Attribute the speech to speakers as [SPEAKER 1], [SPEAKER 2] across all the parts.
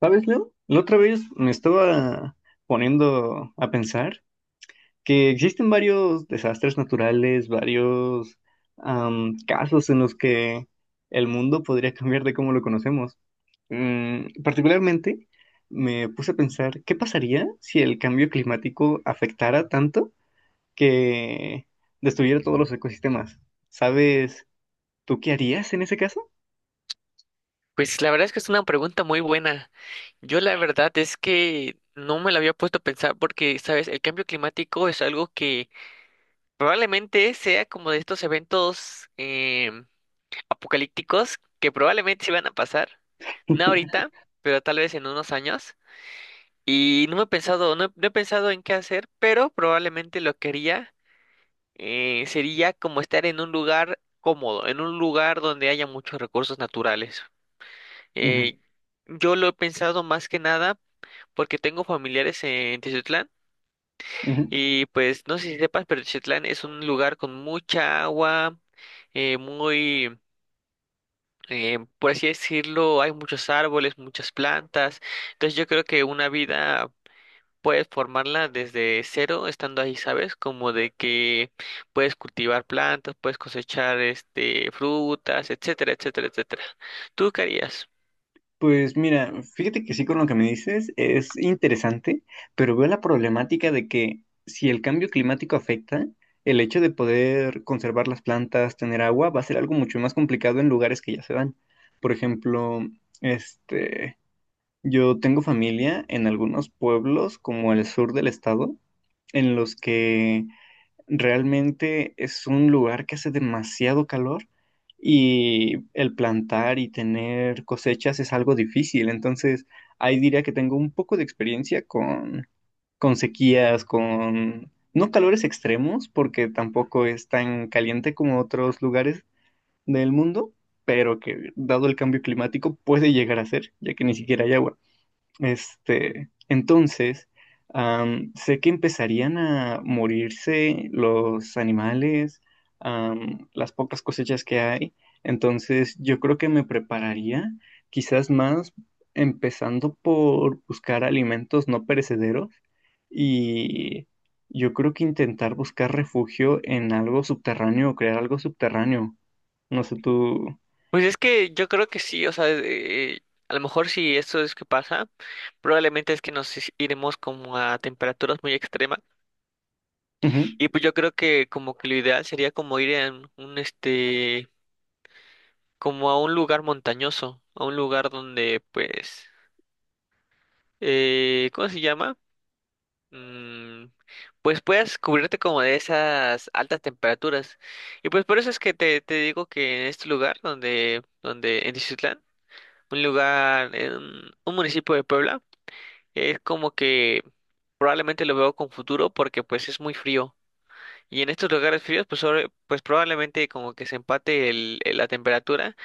[SPEAKER 1] ¿Sabes, Leo? La otra vez me estaba poniendo a pensar que existen varios desastres naturales, varios casos en los que el mundo podría cambiar de cómo lo conocemos. Particularmente, me puse a pensar, ¿qué pasaría si el cambio climático afectara tanto que destruyera todos los ecosistemas? ¿Sabes tú qué harías en ese caso?
[SPEAKER 2] Pues la verdad es que es una pregunta muy buena. Yo la verdad es que no me la había puesto a pensar porque, sabes, el cambio climático es algo que probablemente sea como de estos eventos apocalípticos que probablemente sí van a pasar. No ahorita, pero tal vez en unos años. Y no me he pensado, no he pensado en qué hacer, pero probablemente lo que haría sería como estar en un lugar cómodo, en un lugar donde haya muchos recursos naturales.
[SPEAKER 1] Ujú,
[SPEAKER 2] Eh, yo lo he pensado más que nada porque tengo familiares en Tiziutlán,
[SPEAKER 1] ujú.
[SPEAKER 2] y pues no sé si sepas, pero Tiziutlán es un lugar con mucha agua, eh, muy, por así decirlo, hay muchos árboles, muchas plantas. Entonces yo creo que una vida puedes formarla desde cero estando ahí, ¿sabes? Como de que puedes cultivar plantas, puedes cosechar este frutas, etcétera, etcétera, etcétera. ¿Tú qué harías?
[SPEAKER 1] Pues mira, fíjate que sí, con lo que me dices es interesante, pero veo la problemática de que si el cambio climático afecta, el hecho de poder conservar las plantas, tener agua, va a ser algo mucho más complicado en lugares que ya se dan. Por ejemplo, este, yo tengo familia en algunos pueblos como el sur del estado, en los que realmente es un lugar que hace demasiado calor y el plantar y tener cosechas es algo difícil. Entonces, ahí diría que tengo un poco de experiencia con sequías, con no calores extremos, porque tampoco es tan caliente como otros lugares del mundo, pero que dado el cambio climático puede llegar a ser, ya que ni siquiera hay agua. Entonces, sé que empezarían a morirse los animales, las pocas cosechas que hay. Entonces, yo creo que me prepararía quizás más empezando por buscar alimentos no perecederos y yo creo que intentar buscar refugio en algo subterráneo o crear algo subterráneo. No sé, tú...
[SPEAKER 2] Pues es que yo creo que sí, o sea, a lo mejor si esto es que pasa, probablemente es que iremos como a temperaturas muy extremas,
[SPEAKER 1] Ujú.
[SPEAKER 2] y pues yo creo que como que lo ideal sería como ir a un este, como a un lugar montañoso, a un lugar donde pues, ¿cómo se llama? Mm, pues puedas cubrirte como de esas altas temperaturas, y pues por eso es que te digo que en este lugar donde, donde en Tiziutlán, un lugar, en un municipio de Puebla, es como que probablemente lo veo con futuro porque pues es muy frío. Y en estos lugares fríos pues, sobre- pues probablemente como que se empate la temperatura,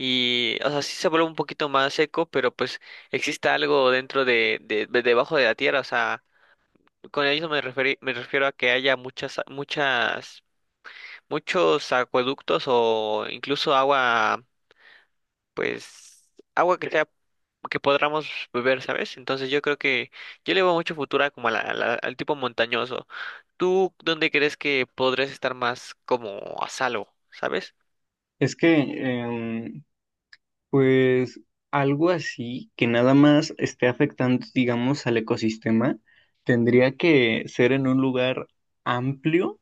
[SPEAKER 2] y o sea sí se vuelve un poquito más seco pero pues exista algo dentro debajo de la tierra. O sea, con eso me refiero a que haya muchas, muchas, muchos acueductos o incluso agua, pues agua que sea que podamos beber, ¿sabes? Entonces yo creo que yo le veo mucho futuro a como a al tipo montañoso. ¿Tú dónde crees que podrías estar más como a salvo, ¿sabes?
[SPEAKER 1] Es que, pues algo así que nada más esté afectando, digamos, al ecosistema, tendría que ser en un lugar amplio,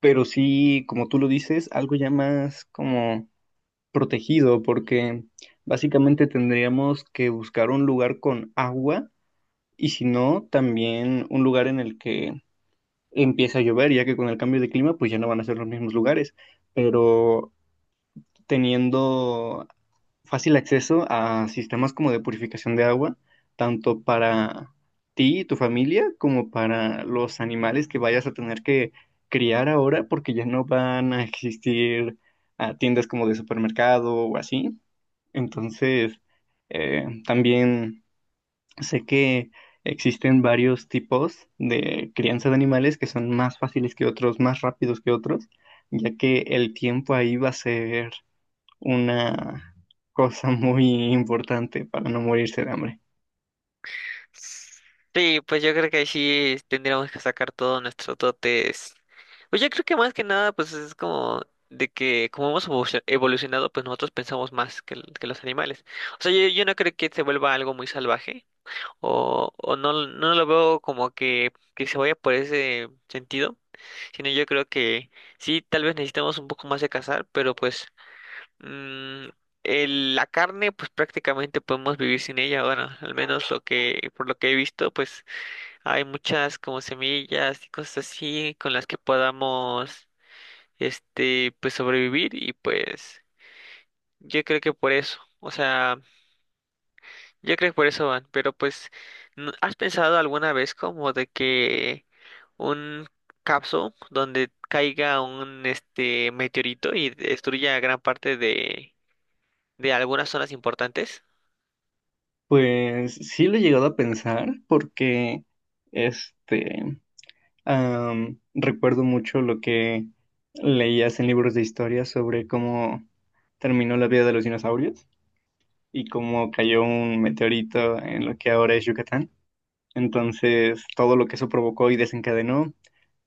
[SPEAKER 1] pero sí, como tú lo dices, algo ya más como protegido, porque básicamente tendríamos que buscar un lugar con agua y si no, también un lugar en el que empieza a llover, ya que con el cambio de clima, pues ya no van a ser los mismos lugares, pero teniendo fácil acceso a sistemas como de purificación de agua, tanto para ti y tu familia como para los animales que vayas a tener que criar ahora porque ya no van a existir tiendas como de supermercado o así. Entonces, también sé que existen varios tipos de crianza de animales que son más fáciles que otros, más rápidos que otros, ya que el tiempo ahí va a ser una cosa muy importante para no morirse de hambre.
[SPEAKER 2] Sí, pues yo creo que ahí sí tendríamos que sacar todos nuestros dotes. Pues yo creo que más que nada, pues es como de que como hemos evolucionado, pues nosotros pensamos más que, que los animales. O sea, yo no creo que se vuelva algo muy salvaje. O no, no lo veo como que se vaya por ese sentido, sino yo creo que sí, tal vez necesitamos un poco más de cazar, pero pues mm, la carne pues prácticamente podemos vivir sin ella, bueno, al menos lo que, por lo que he visto, pues hay muchas como semillas y cosas así con las que podamos, este, pues sobrevivir y pues yo creo que por eso, o sea... Yo creo que por eso van, pero pues, ¿has pensado alguna vez como de que un capsule donde caiga un este meteorito y destruya gran parte de algunas zonas importantes?
[SPEAKER 1] Pues sí lo he llegado a pensar porque este recuerdo mucho lo que leías en libros de historia sobre cómo terminó la vida de los dinosaurios y cómo cayó un meteorito en lo que ahora es Yucatán. Entonces, todo lo que eso provocó y desencadenó.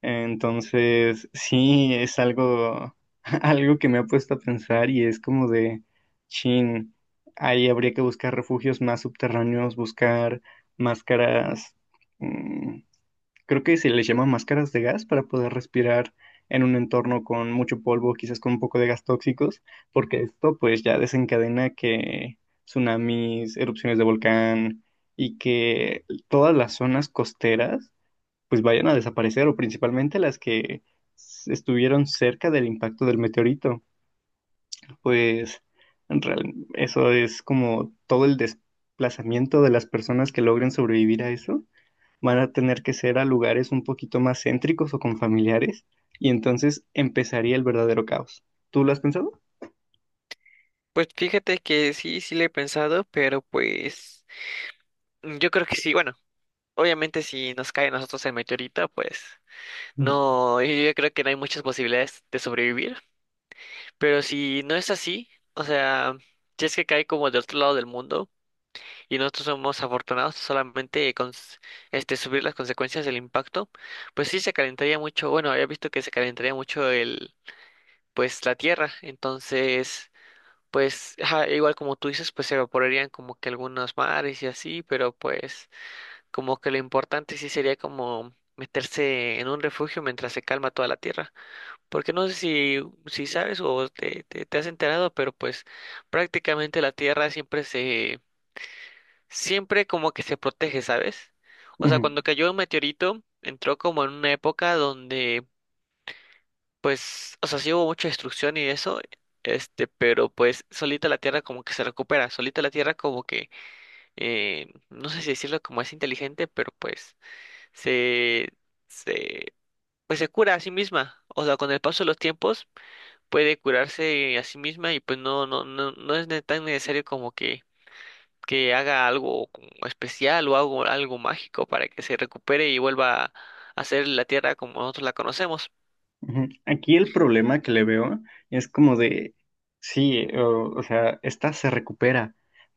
[SPEAKER 1] Entonces, sí, es algo, algo que me ha puesto a pensar y es como de, chin, ahí habría que buscar refugios más subterráneos, buscar máscaras, mm, creo que se les llama máscaras de gas para poder respirar en un entorno con mucho polvo, quizás con un poco de gas tóxicos, porque esto pues ya desencadena que tsunamis, erupciones de volcán y que todas las zonas costeras pues vayan a desaparecer, o principalmente las que estuvieron cerca del impacto del meteorito. Pues eso es como todo el desplazamiento de las personas que logren sobrevivir a eso. Van a tener que ser a lugares un poquito más céntricos o con familiares, y entonces empezaría el verdadero caos. ¿Tú lo has pensado?
[SPEAKER 2] Pues fíjate que sí, sí le he pensado, pero pues yo creo que sí, bueno, obviamente si nos cae a nosotros el meteorito, pues no, yo creo que no hay muchas posibilidades de sobrevivir, pero si no es así, o sea, si es que cae como del otro lado del mundo, y nosotros somos afortunados solamente con s- este subir las consecuencias del impacto, pues sí se calentaría mucho, bueno, había visto que se calentaría mucho el pues la tierra, entonces pues ajá, igual como tú dices, pues se evaporarían como que algunos mares y así, pero pues como que lo importante sí sería como meterse en un refugio mientras se calma toda la tierra, porque no sé si si sabes o te has enterado, pero pues prácticamente la tierra siempre se siempre como que se protege, ¿sabes? O sea,
[SPEAKER 1] Ujú.
[SPEAKER 2] cuando cayó un meteorito, entró como en una época donde, pues, o sea, sí hubo mucha destrucción y eso, este, pero pues solita la Tierra como que se recupera, solita la Tierra como que, no sé si decirlo como es inteligente, pero pues se, se, pues se cura a sí misma. O sea, con el paso de los tiempos puede curarse a sí misma y pues no es tan necesario como que haga algo como especial o algo, algo mágico para que se recupere y vuelva a ser la Tierra como nosotros la conocemos.
[SPEAKER 1] Ujú. Aquí el problema que le veo es como de, sí, o sea, esta se recupera,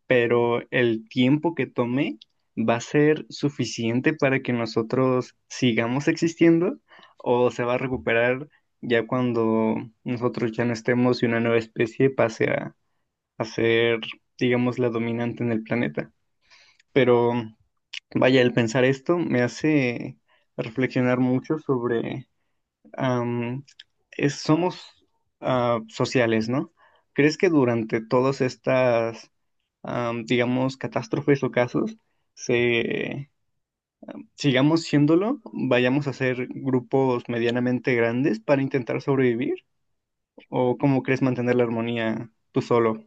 [SPEAKER 1] pero el tiempo que tome va a ser suficiente para que nosotros sigamos existiendo o se va a recuperar ya cuando nosotros ya no estemos y una nueva especie pase a ser, digamos, la dominante en el planeta. Pero vaya, el pensar esto me hace reflexionar mucho. am, somos sociales, ¿no? ¿Crees que durante todas estas, digamos, catástrofes o casos, se, sigamos siéndolo, vayamos a ser grupos medianamente grandes para intentar sobrevivir? ¿O cómo crees mantener la armonía tú solo?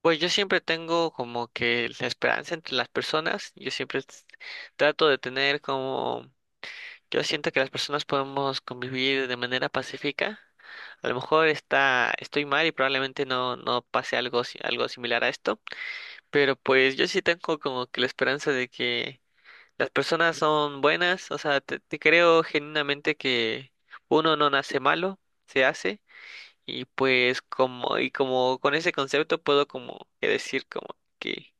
[SPEAKER 2] Pues yo siempre tengo como que la esperanza entre las personas, yo siempre trato de tener como, yo siento que las personas podemos convivir de manera pacífica. A lo mejor está, estoy mal y probablemente no, no pase algo, algo similar a esto, pero pues yo sí tengo como que la esperanza de que las personas son buenas, o sea, te creo genuinamente que uno no nace malo, se hace, y pues como, y como con ese concepto puedo como que decir como que,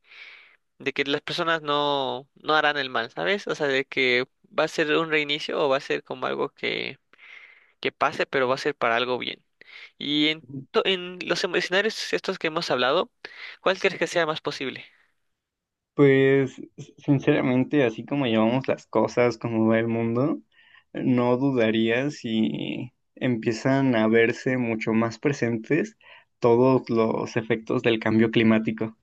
[SPEAKER 2] de que las personas no, no harán el mal, ¿sabes? O sea, de que va a ser un reinicio o va a ser como algo que pase, pero va a ser para algo bien. Y en, en los escenarios estos que hemos hablado, ¿cuál crees que sea más posible?
[SPEAKER 1] Pues sinceramente, así como llevamos las cosas, como va el mundo, no dudaría si empiezan a verse mucho más presentes todos los efectos del cambio climático.